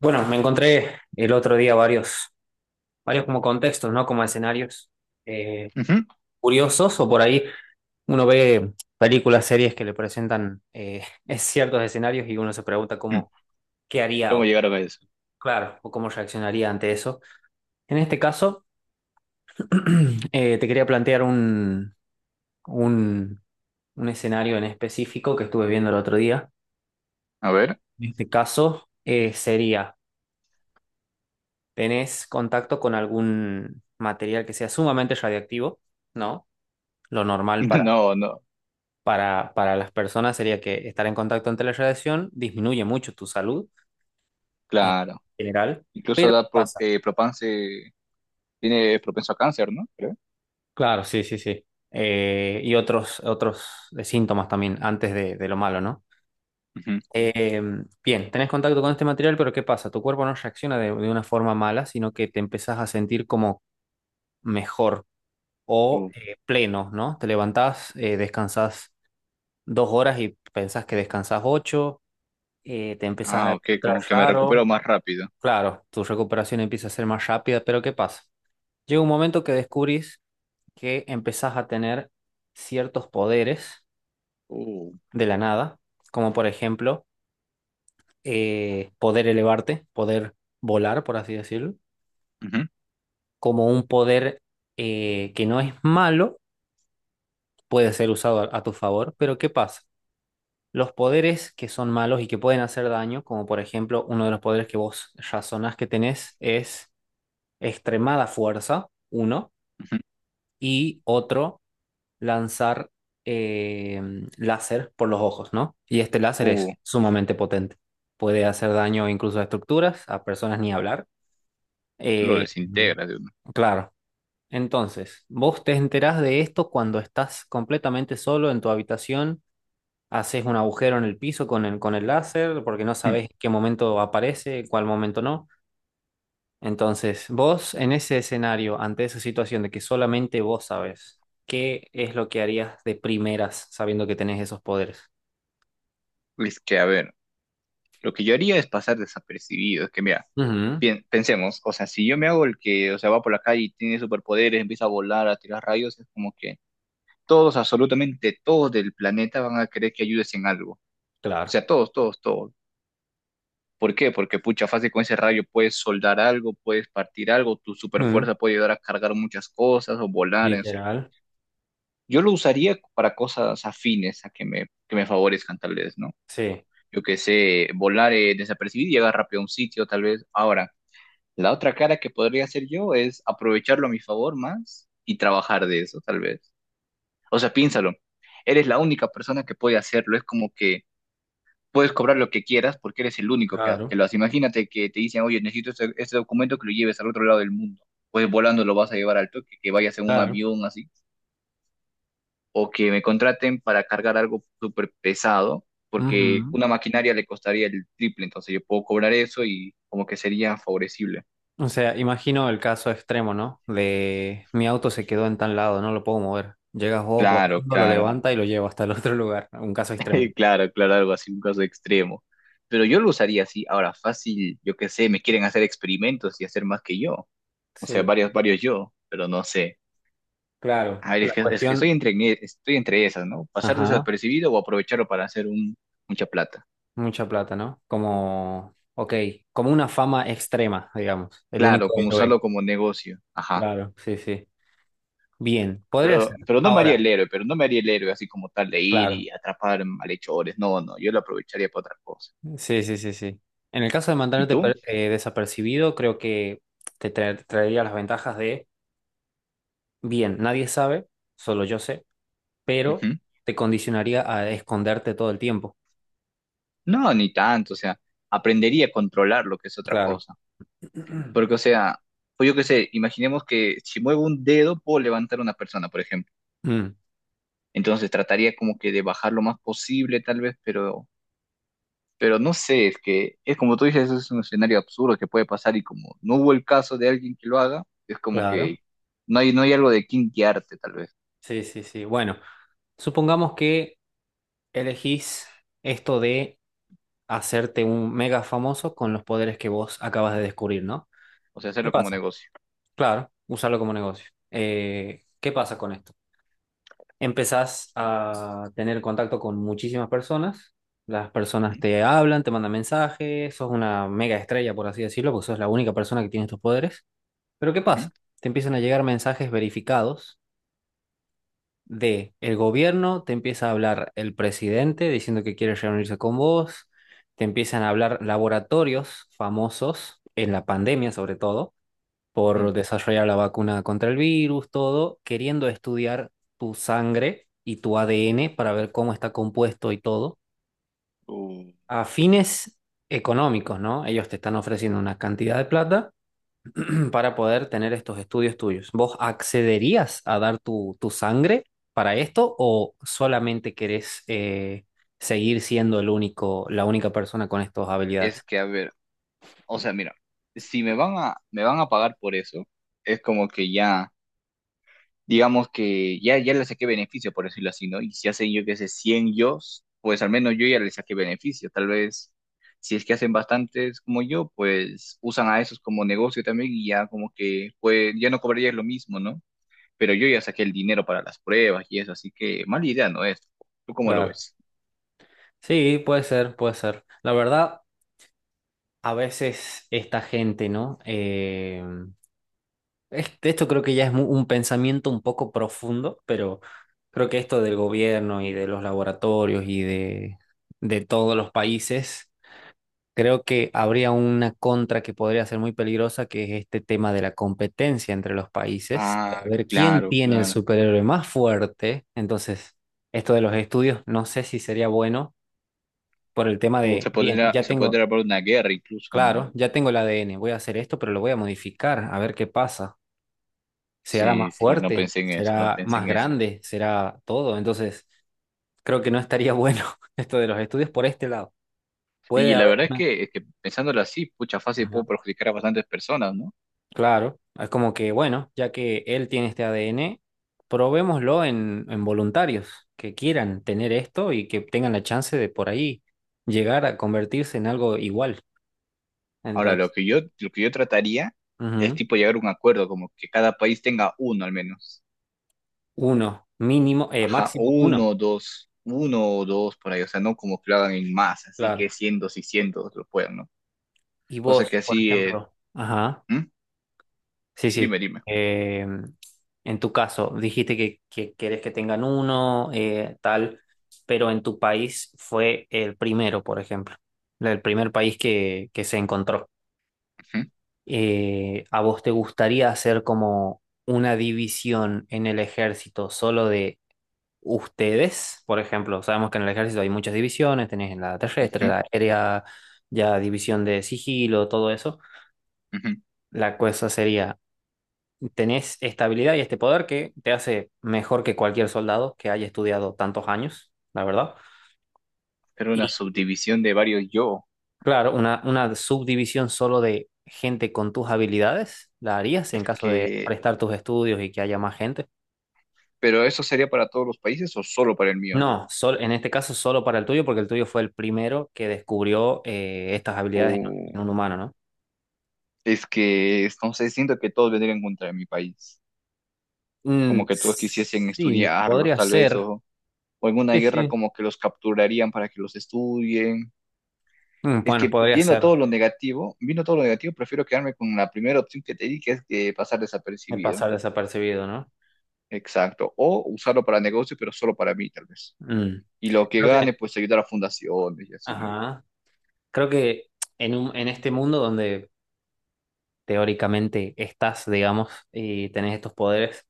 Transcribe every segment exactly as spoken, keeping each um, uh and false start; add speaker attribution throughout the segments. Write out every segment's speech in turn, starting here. Speaker 1: Bueno, me encontré el otro día varios, varios como contextos, ¿no? Como escenarios eh,
Speaker 2: Ujú.
Speaker 1: curiosos o por ahí uno ve películas, series que le presentan eh, ciertos escenarios y uno se pregunta
Speaker 2: Mm.
Speaker 1: cómo, qué haría
Speaker 2: ¿Cómo
Speaker 1: o,
Speaker 2: llegaron a eso?
Speaker 1: claro, o cómo reaccionaría ante eso. En este caso, eh, te quería plantear un, un, un escenario en específico que estuve viendo el otro día.
Speaker 2: A ver.
Speaker 1: En este caso, eh, sería, tenés contacto con algún material que sea sumamente radiactivo, ¿no? Lo normal para,
Speaker 2: No, no,
Speaker 1: para, para las personas sería que estar en contacto ante la radiación disminuye mucho tu salud en
Speaker 2: claro.
Speaker 1: general,
Speaker 2: Incluso
Speaker 1: pero ¿qué
Speaker 2: da pro-
Speaker 1: pasa?
Speaker 2: eh, propense- tiene propenso a cáncer, ¿no? Creo.
Speaker 1: Claro, sí, sí, sí. Eh, y otros, otros eh, síntomas también antes de, de lo malo, ¿no? Eh, bien, tenés contacto con este material, pero ¿qué pasa? Tu cuerpo no reacciona de, de una forma mala, sino que te empezás a sentir como mejor
Speaker 2: Ujú.
Speaker 1: o
Speaker 2: Uh.
Speaker 1: eh, pleno, ¿no? Te levantás, eh, descansás dos horas y pensás que descansás ocho, eh, te empezás a
Speaker 2: Ah, ok,
Speaker 1: encontrar
Speaker 2: como que me recupero
Speaker 1: raro.
Speaker 2: más rápido.
Speaker 1: Claro, tu recuperación empieza a ser más rápida, pero ¿qué pasa? Llega un momento que descubrís que empezás a tener ciertos poderes
Speaker 2: Uh.
Speaker 1: de la nada, como por ejemplo eh, poder elevarte, poder volar, por así decirlo,
Speaker 2: Ujú.
Speaker 1: como un poder eh, que no es malo, puede ser usado a, a tu favor, pero ¿qué pasa? Los poderes que son malos y que pueden hacer daño, como por ejemplo uno de los poderes que vos razonás que tenés es extremada fuerza, uno,
Speaker 2: Ujú.
Speaker 1: y otro lanzar eh, láser por los ojos, ¿no? Y este láser
Speaker 2: Uh,
Speaker 1: es sumamente potente. Puede hacer daño incluso a estructuras, a personas ni hablar.
Speaker 2: lo
Speaker 1: Eh,
Speaker 2: desintegra de uno.
Speaker 1: claro. Entonces, vos te enterás de esto cuando estás completamente solo en tu habitación, haces un agujero en el piso con el, con el láser, porque no
Speaker 2: Mm.
Speaker 1: sabes en qué momento aparece, en cuál momento no. Entonces, vos en ese escenario, ante esa situación de que solamente vos sabes, ¿qué es lo que harías de primeras sabiendo que tenés esos poderes?
Speaker 2: Es que, a ver, lo que yo haría es pasar desapercibido. Es que, mira,
Speaker 1: Ujú,
Speaker 2: pien- pensemos, o sea, si yo me hago el que, o sea, va por la calle y tiene superpoderes, empieza a volar, a tirar rayos, es como que todos, absolutamente todos del planeta van a querer que ayudes en algo. O
Speaker 1: claro.
Speaker 2: sea, todos, todos, todos. ¿Por qué? Porque pucha, fácil con ese rayo puedes soldar algo, puedes partir algo, tu super
Speaker 1: Ujú,
Speaker 2: fuerza puede ayudar a cargar muchas cosas o volar, o sea.
Speaker 1: literal.
Speaker 2: Yo lo usaría para cosas afines a que me, que me favorezcan, tal vez, ¿no?
Speaker 1: Sí,
Speaker 2: Yo que sé, volar eh, desapercibido y llegar rápido a un sitio, tal vez. Ahora, la otra cara que podría hacer yo es aprovecharlo a mi favor más y trabajar de eso, tal vez. O sea, piénsalo. Eres la única persona que puede hacerlo. Es como que puedes cobrar lo que quieras porque eres el único que, que
Speaker 1: claro,
Speaker 2: lo hace. Imagínate que te dicen, oye, necesito este, este documento que lo lleves al otro lado del mundo. Pues volando lo vas a llevar al toque, que vayas en un
Speaker 1: claro.
Speaker 2: avión así, o que me contraten para cargar algo súper pesado, porque
Speaker 1: Ujú.
Speaker 2: una maquinaria le costaría el triple, entonces yo puedo cobrar eso y como que sería favorecible.
Speaker 1: O sea, imagino el caso extremo, ¿no? De mi auto se quedó en tal lado, no lo puedo mover. Llegas vos
Speaker 2: Claro,
Speaker 1: volando, lo
Speaker 2: claro,
Speaker 1: levanta y lo lleva hasta el otro lugar. Un caso extremo.
Speaker 2: claro, claro, algo así, un caso extremo. Pero yo lo usaría así, ahora fácil, yo qué sé, me quieren hacer experimentos y hacer más que yo, o sea,
Speaker 1: Sí,
Speaker 2: varios, varios yo, pero no sé.
Speaker 1: claro.
Speaker 2: A ver, es
Speaker 1: La
Speaker 2: que, es que estoy
Speaker 1: cuestión,
Speaker 2: entre, estoy entre esas, ¿no? Pasar
Speaker 1: ajá.
Speaker 2: desapercibido o aprovecharlo para hacer un, mucha plata.
Speaker 1: Mucha plata, ¿no? Como, ok, como una fama extrema, digamos, el
Speaker 2: Claro,
Speaker 1: único
Speaker 2: como usarlo
Speaker 1: héroe.
Speaker 2: como negocio. Ajá.
Speaker 1: Claro, sí, sí. Bien, podría
Speaker 2: Pero,
Speaker 1: ser.
Speaker 2: pero no me haría
Speaker 1: Ahora,
Speaker 2: el héroe, pero no me haría el héroe así como tal de ir
Speaker 1: claro.
Speaker 2: y atrapar malhechores. No, no, yo lo aprovecharía para otra cosa.
Speaker 1: Sí, sí, sí, sí. En el caso de
Speaker 2: ¿Y
Speaker 1: mantenerte
Speaker 2: tú?
Speaker 1: per- eh, desapercibido, creo que te tra- traería las ventajas de, bien, nadie sabe, solo yo sé, pero
Speaker 2: Ujú.
Speaker 1: te condicionaría a esconderte todo el tiempo.
Speaker 2: No, ni tanto. O sea, aprendería a controlar lo que es otra
Speaker 1: Claro.
Speaker 2: cosa. Porque, o sea, pues yo qué sé, imaginemos que si muevo un dedo puedo levantar a una persona, por ejemplo.
Speaker 1: Mm,
Speaker 2: Entonces trataría como que de bajar lo más posible, tal vez, pero Pero no sé, es que es como tú dices, eso es un escenario absurdo que puede pasar y como no hubo el caso de alguien que lo haga, es como
Speaker 1: claro.
Speaker 2: que no hay, no hay algo de quién guiarte tal vez,
Speaker 1: Sí, sí, sí. Bueno, supongamos que elegís esto de hacerte un mega famoso con los poderes que vos acabas de descubrir, ¿no?
Speaker 2: o sea,
Speaker 1: ¿Qué
Speaker 2: hacerlo como
Speaker 1: pasa?
Speaker 2: negocio.
Speaker 1: Claro, usarlo como negocio. Eh, ¿qué pasa con esto? Empezás a tener contacto con muchísimas personas, las personas te hablan, te mandan mensajes, sos una mega estrella, por así decirlo, porque sos la única persona que tiene estos poderes. Pero ¿qué
Speaker 2: Ujú.
Speaker 1: pasa? Te empiezan a llegar mensajes verificados de el gobierno, te empieza a hablar el presidente diciendo que quiere reunirse con vos, te empiezan a hablar laboratorios famosos en la pandemia sobre todo,
Speaker 2: Mm.
Speaker 1: por desarrollar la vacuna contra el virus, todo, queriendo estudiar tu sangre y tu A D N para ver cómo está compuesto y todo,
Speaker 2: O
Speaker 1: a fines económicos, ¿no? Ellos te están ofreciendo una cantidad de plata para poder tener estos estudios tuyos. ¿Vos accederías a dar tu, tu sangre para esto o solamente querés eh, seguir siendo el único, la única persona con estas
Speaker 2: es
Speaker 1: habilidades?
Speaker 2: que, a ver, o sea, mira, si me van a, me van a pagar por eso, es como que ya... digamos que ya, ya le saqué beneficio, por decirlo así, ¿no? Y si hacen, yo que sé, cien yo, pues al menos yo ya le saqué beneficio. Tal vez, si es que hacen bastantes como yo, pues usan a esos como negocio también y ya como que, pues ya no cobrarías lo mismo, ¿no? Pero yo ya saqué el dinero para las pruebas y eso, así que mala idea no es. ¿Tú cómo lo
Speaker 1: Claro.
Speaker 2: ves?
Speaker 1: Sí, puede ser, puede ser. La verdad, a veces esta gente, ¿no? Eh, es- esto creo que ya es mu- un pensamiento un poco profundo, pero creo que esto del gobierno y de los laboratorios y de, de todos los países. Creo que habría una contra que podría ser muy peligrosa, que es este tema de la competencia entre los países. A
Speaker 2: Ah,
Speaker 1: ver quién
Speaker 2: claro,
Speaker 1: tiene el
Speaker 2: claro.
Speaker 1: superhéroe más fuerte. Entonces, esto de los estudios, no sé si sería bueno por el tema
Speaker 2: Uh,
Speaker 1: de,
Speaker 2: se
Speaker 1: bien,
Speaker 2: podría,
Speaker 1: ya
Speaker 2: se podría
Speaker 1: tengo,
Speaker 2: haber una guerra incluso, ¿no?
Speaker 1: claro, ya tengo el A D N, voy a hacer esto, pero lo voy a modificar, a ver qué pasa. ¿Será
Speaker 2: Sí,
Speaker 1: más
Speaker 2: sí, no
Speaker 1: fuerte?
Speaker 2: pensé en eso, no
Speaker 1: ¿Será
Speaker 2: pensé
Speaker 1: más
Speaker 2: en eso.
Speaker 1: grande? ¿Será todo? Entonces, creo que no estaría bueno esto de los estudios por este lado.
Speaker 2: Y
Speaker 1: Puede
Speaker 2: la
Speaker 1: haber
Speaker 2: verdad es que, es que pensándolo así, pucha, fácil
Speaker 1: una...
Speaker 2: puedo perjudicar a bastantes personas, ¿no?
Speaker 1: Claro, es como que, bueno, ya que él tiene este A D N, probémoslo en, en voluntarios que quieran tener esto y que tengan la chance de por ahí llegar a convertirse en algo igual.
Speaker 2: Ahora, lo
Speaker 1: Entonces,
Speaker 2: que yo, lo que yo trataría es
Speaker 1: ujú,
Speaker 2: tipo llegar a un acuerdo, como que cada país tenga uno al menos.
Speaker 1: uno, mínimo, eh,
Speaker 2: Ajá,
Speaker 1: máximo
Speaker 2: o
Speaker 1: uno,
Speaker 2: uno o dos, uno o dos por ahí, o sea, no como que lo hagan en más, así que
Speaker 1: claro.
Speaker 2: cientos y cientos lo puedan, ¿no?
Speaker 1: Y
Speaker 2: Cosa que
Speaker 1: vos, por
Speaker 2: así, eh,
Speaker 1: ejemplo, ajá,
Speaker 2: ¿hmm?
Speaker 1: sí, sí.
Speaker 2: Dime, dime.
Speaker 1: Eh, en tu caso, dijiste que, que quieres que tengan uno, eh, tal, pero en tu país fue el primero, por ejemplo, el primer país que, que se encontró.
Speaker 2: Ujú,
Speaker 1: Eh, ¿a vos te gustaría hacer como una división en el ejército solo de ustedes? Por ejemplo, sabemos que en el ejército hay muchas divisiones, tenés la terrestre,
Speaker 2: ujú,
Speaker 1: la aérea, ya división de sigilo, todo eso.
Speaker 2: ujú.
Speaker 1: La cosa sería... tenés esta habilidad y este poder que te hace mejor que cualquier soldado que haya estudiado tantos años, la verdad.
Speaker 2: Pero
Speaker 1: Y
Speaker 2: una subdivisión de varios yo,
Speaker 1: claro, una, una subdivisión solo de gente con tus habilidades, ¿la harías en
Speaker 2: es
Speaker 1: caso de
Speaker 2: que,
Speaker 1: prestar tus estudios y que haya más gente?
Speaker 2: pero eso sería para todos los países o solo para el mío.
Speaker 1: No, sol- en este caso solo para el tuyo, porque el tuyo fue el primero que descubrió eh, estas habilidades en, en un humano, ¿no?
Speaker 2: Es que, no sé, siento que todos vendrían contra mi país,
Speaker 1: Mm,
Speaker 2: como que todos quisiesen
Speaker 1: sí,
Speaker 2: estudiarlos
Speaker 1: podría
Speaker 2: tal vez,
Speaker 1: ser.
Speaker 2: o, o en una
Speaker 1: Sí,
Speaker 2: guerra
Speaker 1: sí.
Speaker 2: como que los capturarían para que los estudien.
Speaker 1: Mm,
Speaker 2: Es
Speaker 1: bueno,
Speaker 2: que
Speaker 1: podría
Speaker 2: viendo
Speaker 1: ser
Speaker 2: todo lo negativo, viendo todo lo negativo, prefiero quedarme con la primera opción que te di, que es de pasar
Speaker 1: eh,
Speaker 2: desapercibido.
Speaker 1: pasar desapercibido, ¿no?
Speaker 2: Exacto. O usarlo para negocio, pero solo para mí, tal vez.
Speaker 1: Mm.
Speaker 2: Y lo que
Speaker 1: Creo
Speaker 2: gane,
Speaker 1: que...
Speaker 2: pues ayudar a fundaciones y así, ¿no?
Speaker 1: Ajá. Creo que en un, en este mundo donde teóricamente estás, digamos, y tenés estos poderes,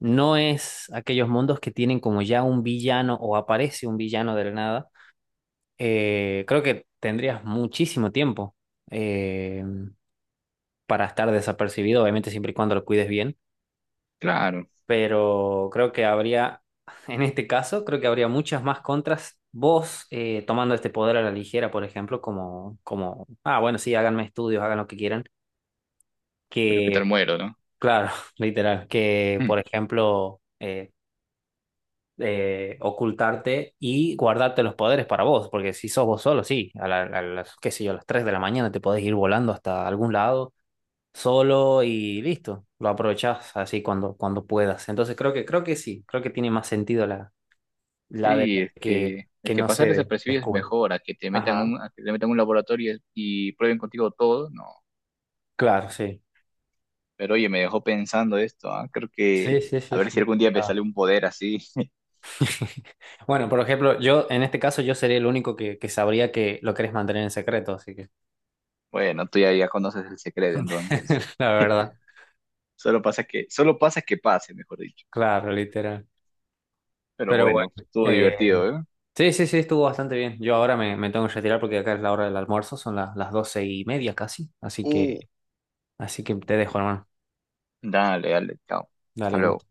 Speaker 1: no es aquellos mundos que tienen como ya un villano o aparece un villano de la nada. Eh, creo que tendrías muchísimo tiempo eh, para estar desapercibido, obviamente siempre y cuando lo cuides bien,
Speaker 2: Claro,
Speaker 1: pero creo que habría, en este caso, creo que habría muchas más contras. Vos eh, tomando este poder a la ligera, por ejemplo, como, como, ah, bueno, sí, háganme estudios, hagan lo que quieran
Speaker 2: pero qué
Speaker 1: que...
Speaker 2: tal muero, ¿no?
Speaker 1: Claro, literal, que
Speaker 2: Hmm.
Speaker 1: por ejemplo eh, eh, ocultarte y guardarte los poderes para vos, porque si sos vos solo, sí, a, la- a las, qué sé yo, a las tres de la mañana te podés ir volando hasta algún lado solo y listo, lo aprovechás así cuando, cuando puedas. Entonces creo que, creo que sí, creo que tiene más sentido la, la de
Speaker 2: Sí, es
Speaker 1: que,
Speaker 2: que, es
Speaker 1: que
Speaker 2: que
Speaker 1: no
Speaker 2: pasar
Speaker 1: se
Speaker 2: desapercibido es
Speaker 1: descubre.
Speaker 2: mejor, a que te metan
Speaker 1: Ajá,
Speaker 2: un, a que te metan un laboratorio y prueben contigo todo, no.
Speaker 1: claro, sí.
Speaker 2: Pero oye, me dejó pensando esto, ah, creo
Speaker 1: Sí,
Speaker 2: que
Speaker 1: sí,
Speaker 2: a
Speaker 1: sí,
Speaker 2: ver si
Speaker 1: sí.
Speaker 2: algún día me sale un poder así.
Speaker 1: Bueno, por ejemplo, yo en este caso yo sería el único que, que sabría que lo querés mantener en secreto, así que
Speaker 2: Bueno, tú ya, ya conoces el secreto, entonces.
Speaker 1: la verdad,
Speaker 2: Solo pasa que, solo pasa que pase, mejor dicho.
Speaker 1: claro, literal.
Speaker 2: Pero
Speaker 1: Pero bueno,
Speaker 2: bueno, estuvo
Speaker 1: eh,
Speaker 2: divertido, ¿eh?
Speaker 1: sí, sí, sí, estuvo bastante bien. Yo ahora me, me tengo que retirar porque acá es la hora del almuerzo, son las, las doce y media casi, así que,
Speaker 2: Uh.
Speaker 1: así que te dejo, hermano.
Speaker 2: Dale, dale, chao.
Speaker 1: Dale,
Speaker 2: Hasta
Speaker 1: un
Speaker 2: luego.
Speaker 1: gusto.